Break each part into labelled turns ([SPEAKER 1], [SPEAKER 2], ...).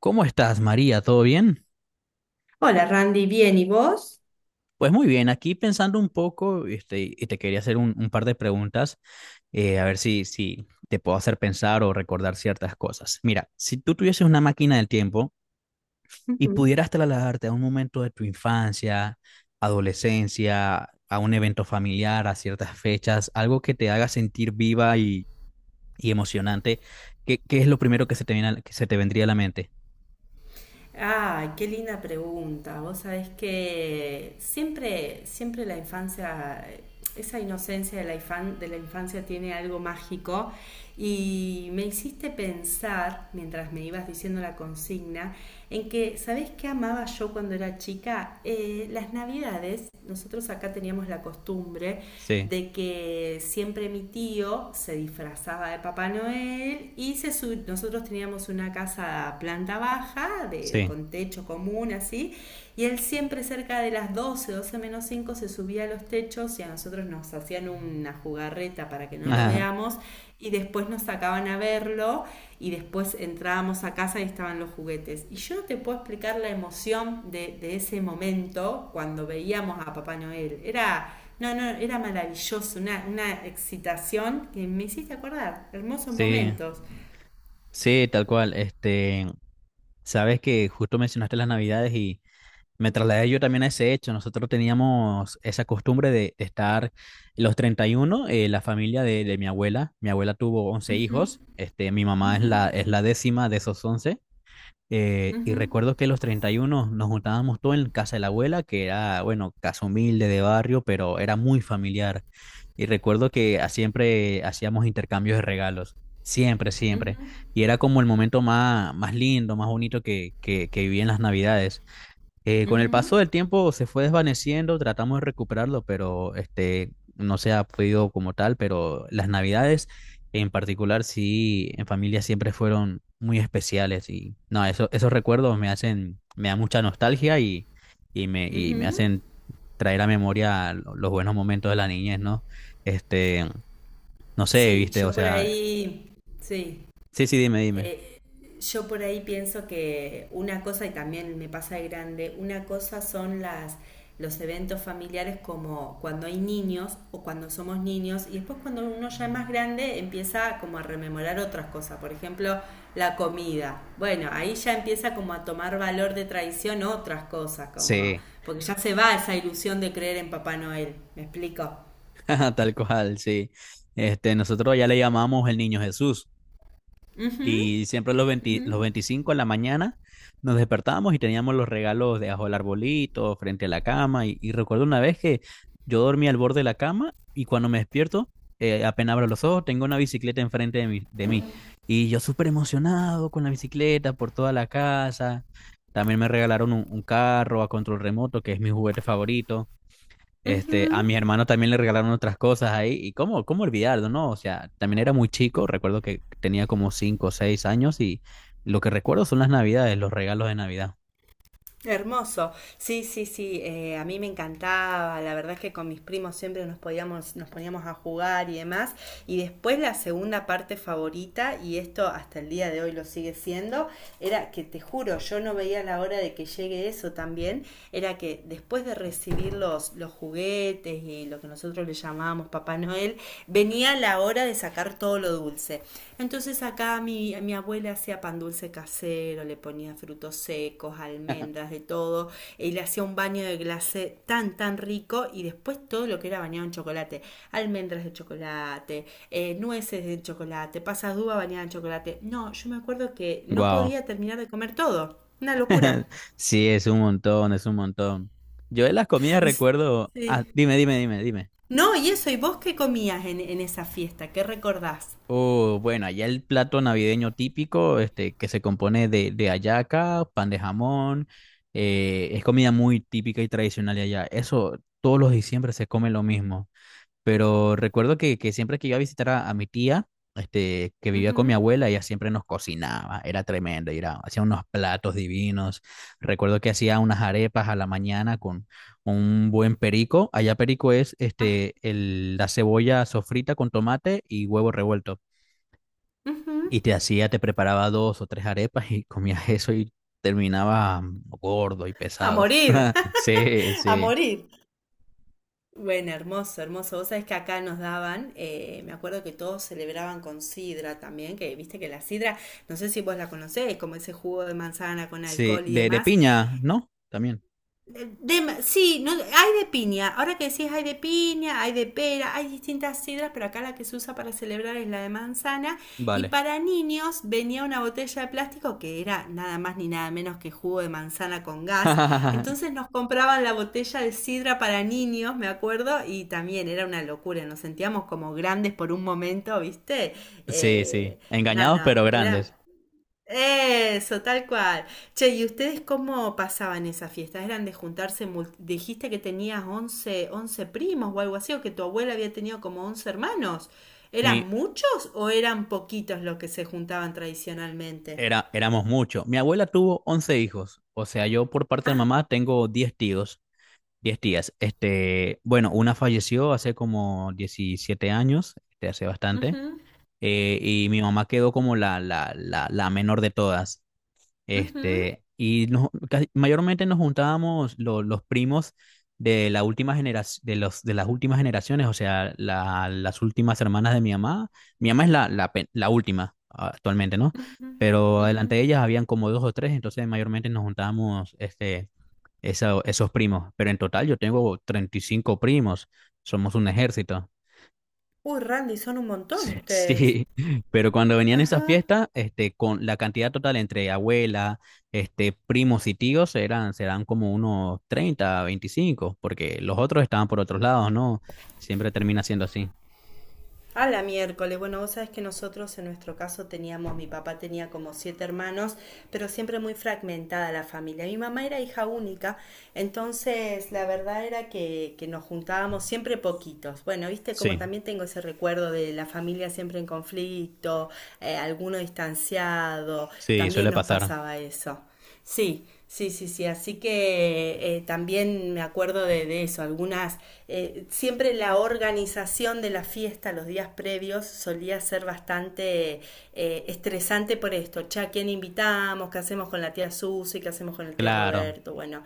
[SPEAKER 1] ¿Cómo estás, María? ¿Todo bien?
[SPEAKER 2] Hola Randy, bien, ¿y vos?
[SPEAKER 1] Pues muy bien, aquí pensando un poco, y te quería hacer un par de preguntas, a ver si te puedo hacer pensar o recordar ciertas cosas. Mira, si tú tuvieses una máquina del tiempo y
[SPEAKER 2] Ujú.
[SPEAKER 1] pudieras trasladarte a un momento de tu infancia, adolescencia, a un evento familiar, a ciertas fechas, algo que te haga sentir viva y emocionante, ¿qué es lo primero que se te viene a que se te vendría a la mente?
[SPEAKER 2] Ay, qué linda pregunta. Vos sabés que siempre, siempre la infancia, esa inocencia de la infancia tiene algo mágico y me hiciste pensar, mientras me ibas diciendo la consigna, en que, ¿sabés qué amaba yo cuando era chica? Las navidades, nosotros acá teníamos la costumbre
[SPEAKER 1] Sí,
[SPEAKER 2] de que siempre mi tío se disfrazaba de Papá Noel y nosotros teníamos una casa planta baja, de,
[SPEAKER 1] sí,
[SPEAKER 2] con techo común así, y él siempre cerca de las doce menos 5 se subía a los techos y a nosotros nos hacían una jugarreta para que no lo
[SPEAKER 1] ajá,
[SPEAKER 2] veamos y después nos sacaban a verlo y después entrábamos a casa y estaban los juguetes. Y yo no te puedo explicar la emoción de ese momento cuando veíamos a Papá Noel. No, no, era maravilloso, una excitación que me hiciste acordar, hermosos
[SPEAKER 1] sí.
[SPEAKER 2] momentos.
[SPEAKER 1] Sí, tal cual. Sabes que justo mencionaste las Navidades y me trasladé yo también a ese hecho. Nosotros teníamos esa costumbre de estar los 31, la familia de mi abuela. Mi abuela tuvo 11 hijos, mi mamá es la décima de esos 11. Y
[SPEAKER 2] Ujú,
[SPEAKER 1] recuerdo que los 31 nos juntábamos todos en casa de la abuela, que era, bueno, casa humilde de barrio, pero era muy familiar. Y recuerdo que siempre hacíamos intercambios de regalos, siempre, siempre.
[SPEAKER 2] ujú,
[SPEAKER 1] Y era como el momento más, más lindo, más bonito que viví en las Navidades. Con el
[SPEAKER 2] ujú,
[SPEAKER 1] paso del tiempo se fue desvaneciendo, tratamos de recuperarlo, pero no se ha podido como tal, pero las Navidades en particular sí, en familia siempre fueron muy especiales y no, eso, esos recuerdos me hacen, me da mucha nostalgia y, y me
[SPEAKER 2] ujú.
[SPEAKER 1] hacen traer a memoria los buenos momentos de la niñez, ¿no? Este, no sé,
[SPEAKER 2] Sí,
[SPEAKER 1] viste, o
[SPEAKER 2] yo por
[SPEAKER 1] sea,
[SPEAKER 2] ahí, sí,
[SPEAKER 1] sí, sí, dime, dime.
[SPEAKER 2] eh, yo por ahí pienso que una cosa, y también me pasa de grande, una cosa son las los eventos familiares como cuando hay niños o cuando somos niños y después cuando uno ya es más grande empieza como a rememorar otras cosas, por ejemplo la comida. Bueno, ahí ya empieza como a tomar valor de tradición otras cosas, como
[SPEAKER 1] Sí,
[SPEAKER 2] porque ya se va esa ilusión de creer en Papá Noel, ¿me explico?
[SPEAKER 1] tal cual, sí. Nosotros ya le llamamos el niño Jesús.
[SPEAKER 2] Ujú.
[SPEAKER 1] Y siempre los 25 en la mañana nos despertábamos y teníamos los regalos debajo del arbolito, frente a la cama. Y recuerdo una vez que yo dormía al borde de la cama y cuando me despierto, apenas abro los ojos, tengo una bicicleta enfrente de mí, de mí. Y yo súper emocionado con la bicicleta por toda la casa. También me regalaron un carro a control remoto, que es mi juguete favorito. A mis hermanos también le regalaron otras cosas ahí. ¿Y cómo olvidarlo, no? O sea, también era muy chico. Recuerdo que tenía como cinco o seis años y lo que recuerdo son las navidades, los regalos de Navidad.
[SPEAKER 2] Hermoso. Sí, sí, sí. Eh, a mí me encantaba. La verdad es que con mis primos siempre nos podíamos, nos poníamos a jugar y demás. Y después la segunda parte favorita, y esto hasta el día de hoy lo sigue siendo, era que te juro, yo no veía la hora de que llegue eso también. Era que después de recibir los juguetes y lo que nosotros le llamábamos Papá Noel, venía la hora de sacar todo lo dulce. Entonces acá mi abuela hacía pan dulce casero, le ponía frutos secos, almendras, de todo, y le hacía un baño de glacé tan, tan rico, y después todo lo que era bañado en chocolate, almendras de chocolate, nueces de chocolate, pasas de uva bañadas en chocolate. No, yo me acuerdo que no
[SPEAKER 1] Wow.
[SPEAKER 2] podía terminar de comer todo, una locura.
[SPEAKER 1] Sí, es un montón, es un montón. Yo de las comidas
[SPEAKER 2] Y,
[SPEAKER 1] recuerdo. Ah,
[SPEAKER 2] sí.
[SPEAKER 1] dime, dime, dime, dime.
[SPEAKER 2] No, y eso, ¿y vos qué comías en esa fiesta? ¿Qué recordás?
[SPEAKER 1] Oh, bueno, allá el plato navideño típico, que se compone de hallaca, pan de jamón. Es comida muy típica y tradicional de allá. Eso, todos los diciembre se come lo mismo. Pero recuerdo que siempre que iba a visitar a mi tía, que vivía con mi
[SPEAKER 2] Ujú.
[SPEAKER 1] abuela, ella siempre nos cocinaba, era tremendo, y era, hacía unos platos divinos. Recuerdo que hacía unas arepas a la mañana con un buen perico. Allá perico es
[SPEAKER 2] Ah,
[SPEAKER 1] el, la cebolla sofrita con tomate y huevo revuelto.
[SPEAKER 2] ujú.
[SPEAKER 1] Y te hacía, te preparaba dos o tres arepas y comías eso y terminaba gordo y
[SPEAKER 2] A
[SPEAKER 1] pesado.
[SPEAKER 2] morir,
[SPEAKER 1] Sí,
[SPEAKER 2] a
[SPEAKER 1] sí,
[SPEAKER 2] morir. Bueno, hermoso, hermoso. Vos sabés que acá nos daban, me acuerdo que todos celebraban con sidra también, que viste que la sidra, no sé si vos la conocés, como ese jugo de manzana con
[SPEAKER 1] sí.
[SPEAKER 2] alcohol y
[SPEAKER 1] De
[SPEAKER 2] demás,
[SPEAKER 1] piña, ¿no? También.
[SPEAKER 2] de- sí, no, hay de piña. Ahora que decís hay de piña, hay de pera, hay distintas sidras, pero acá la que se usa para celebrar es la de manzana. Y
[SPEAKER 1] Vale.
[SPEAKER 2] para niños venía una botella de plástico que era nada más ni nada menos que jugo de manzana con gas. Entonces nos compraban la botella de sidra para niños, me acuerdo, y también era una locura. Nos sentíamos como grandes por un momento, ¿viste?
[SPEAKER 1] Sí, sí,
[SPEAKER 2] Eh, no,
[SPEAKER 1] engañados
[SPEAKER 2] no,
[SPEAKER 1] pero grandes.
[SPEAKER 2] era... Eso, tal cual. Che, ¿y ustedes cómo pasaban esas fiestas? ¿Eran de juntarse? Dijiste que tenías once primos o algo así, o que tu abuela había tenido como 11 hermanos.
[SPEAKER 1] Mi,
[SPEAKER 2] ¿Eran muchos o eran poquitos los que se juntaban tradicionalmente?
[SPEAKER 1] Éramos muchos. Mi abuela tuvo 11 hijos, o sea, yo por parte de
[SPEAKER 2] Ah,
[SPEAKER 1] mamá tengo 10 tíos, 10 tías. Bueno, una falleció hace como 17 años, hace bastante,
[SPEAKER 2] ujú,
[SPEAKER 1] y mi mamá quedó como la menor de todas.
[SPEAKER 2] ujú,
[SPEAKER 1] Y mayormente nos juntábamos los primos de la última generación, de los, de las últimas generaciones, o sea, las últimas hermanas de mi mamá. Mi mamá es la última actualmente, ¿no?
[SPEAKER 2] ujú,
[SPEAKER 1] Pero
[SPEAKER 2] ujú.
[SPEAKER 1] delante de ellas habían como dos o tres, entonces mayormente nos juntábamos esos primos. Pero en total yo tengo 35 primos, somos un ejército.
[SPEAKER 2] Uy, Randy, son un montón
[SPEAKER 1] Sí,
[SPEAKER 2] ustedes.
[SPEAKER 1] sí, pero cuando venían esas
[SPEAKER 2] Ajá.
[SPEAKER 1] fiestas, con la cantidad total entre abuela, primos y tíos eran, serán como unos 30, 25, porque los otros estaban por otros lados, ¿no? Siempre termina siendo así.
[SPEAKER 2] A la miércoles. Bueno, vos sabés que nosotros en nuestro caso teníamos, mi papá tenía como siete hermanos, pero siempre muy fragmentada la familia. Mi mamá era hija única, entonces la verdad era que nos juntábamos siempre poquitos. Bueno, viste como
[SPEAKER 1] Sí,
[SPEAKER 2] también tengo ese recuerdo de la familia siempre en conflicto, alguno distanciado,
[SPEAKER 1] sí,
[SPEAKER 2] también
[SPEAKER 1] suele
[SPEAKER 2] nos
[SPEAKER 1] pasar.
[SPEAKER 2] pasaba eso. Sí, sí, sí, sí. Así que también me acuerdo de eso. Algunas, siempre la organización de la fiesta los días previos solía ser bastante estresante por esto. Che, ¿a quién invitamos? ¿Qué hacemos con la tía Susi? ¿Qué hacemos con el tío
[SPEAKER 1] Claro.
[SPEAKER 2] Roberto? Bueno,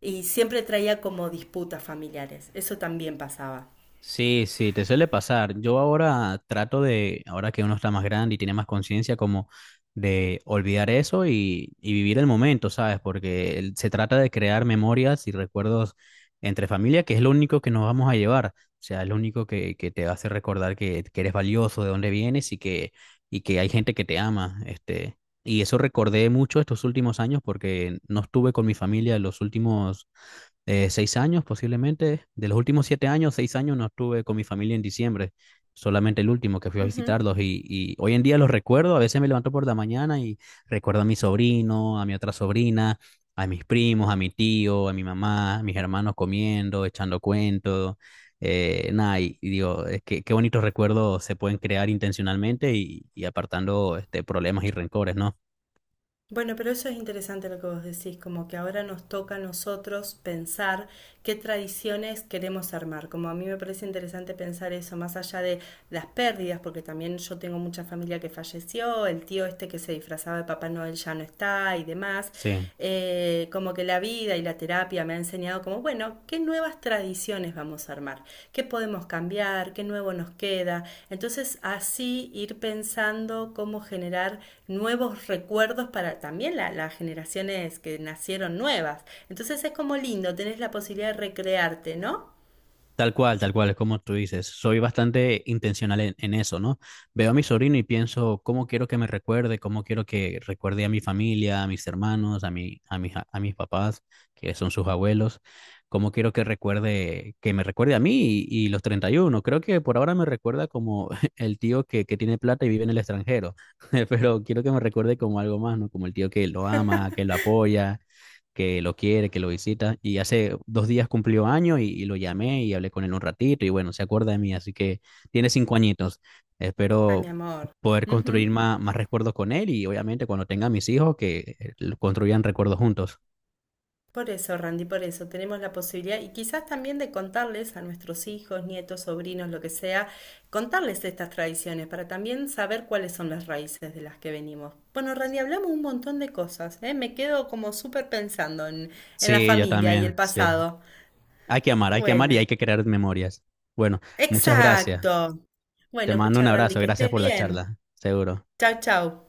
[SPEAKER 2] y siempre traía como disputas familiares. Eso también pasaba.
[SPEAKER 1] Sí, sí, te suele pasar. Yo ahora trato de, ahora que uno está más grande y tiene más conciencia, como de olvidar eso y vivir el momento, ¿sabes? Porque se trata de crear memorias y recuerdos entre familia, que es lo único que nos vamos a llevar. O sea, es lo único que te hace recordar que eres valioso, de dónde vienes y que hay gente que te ama. Y eso recordé mucho estos últimos años porque no estuve con mi familia los últimos seis años posiblemente. De los últimos siete años, seis años no estuve con mi familia en diciembre. Solamente el último que fui a
[SPEAKER 2] Ujú.
[SPEAKER 1] visitarlos y hoy en día los recuerdo. A veces me levanto por la mañana y recuerdo a mi sobrino, a mi otra sobrina, a mis primos, a mi tío, a mi mamá, a mis hermanos comiendo, echando cuentos. Nada, y digo, es que qué bonitos recuerdos se pueden crear intencionalmente y apartando problemas y rencores, ¿no?
[SPEAKER 2] Bueno, pero eso es interesante lo que vos decís, como que ahora nos toca a nosotros pensar qué tradiciones queremos armar. Como a mí me parece interesante pensar eso, más allá de las pérdidas, porque también yo tengo mucha familia que falleció, el tío este que se disfrazaba de Papá Noel ya no está y demás.
[SPEAKER 1] Sí.
[SPEAKER 2] Como que la vida y la terapia me ha enseñado como, bueno, qué nuevas tradiciones vamos a armar, qué podemos cambiar, qué nuevo nos queda. Entonces así ir pensando cómo generar nuevos recuerdos para también las generaciones que nacieron nuevas. Entonces es como lindo, tenés la posibilidad de recrearte, ¿no?
[SPEAKER 1] Tal cual, es como tú dices. Soy bastante intencional en eso, ¿no? Veo a mi sobrino y pienso cómo quiero que me recuerde, cómo quiero que recuerde a mi familia, a mis hermanos, a mis papás, que son sus abuelos, cómo quiero que recuerde, que me recuerde a mí y los 31. Creo que por ahora me recuerda como el tío que tiene plata y vive en el extranjero, pero quiero que me recuerde como algo más, ¿no? Como el tío que lo ama, que lo apoya, que lo quiere, que lo visita. Y hace dos días cumplió año y lo llamé y hablé con él un ratito y bueno, se acuerda de mí, así que tiene cinco añitos.
[SPEAKER 2] Ah, mi
[SPEAKER 1] Espero
[SPEAKER 2] amor.
[SPEAKER 1] poder
[SPEAKER 2] Ujú.
[SPEAKER 1] construir más recuerdos con él y obviamente cuando tenga mis hijos que lo construyan recuerdos juntos.
[SPEAKER 2] Por eso, Randy, por eso tenemos la posibilidad y quizás también de contarles a nuestros hijos, nietos, sobrinos, lo que sea, contarles estas tradiciones para también saber cuáles son las raíces de las que venimos. Bueno, Randy, hablamos un montón de cosas, ¿eh? Me quedo como súper pensando en la
[SPEAKER 1] Sí, yo
[SPEAKER 2] familia y el
[SPEAKER 1] también, sí.
[SPEAKER 2] pasado.
[SPEAKER 1] Hay que amar y
[SPEAKER 2] Bueno,
[SPEAKER 1] hay que crear memorias. Bueno, muchas gracias.
[SPEAKER 2] exacto.
[SPEAKER 1] Te
[SPEAKER 2] Bueno,
[SPEAKER 1] mando
[SPEAKER 2] escucha,
[SPEAKER 1] un
[SPEAKER 2] Randy,
[SPEAKER 1] abrazo,
[SPEAKER 2] que
[SPEAKER 1] gracias
[SPEAKER 2] estés
[SPEAKER 1] por la
[SPEAKER 2] bien.
[SPEAKER 1] charla, seguro.
[SPEAKER 2] Chau, chau.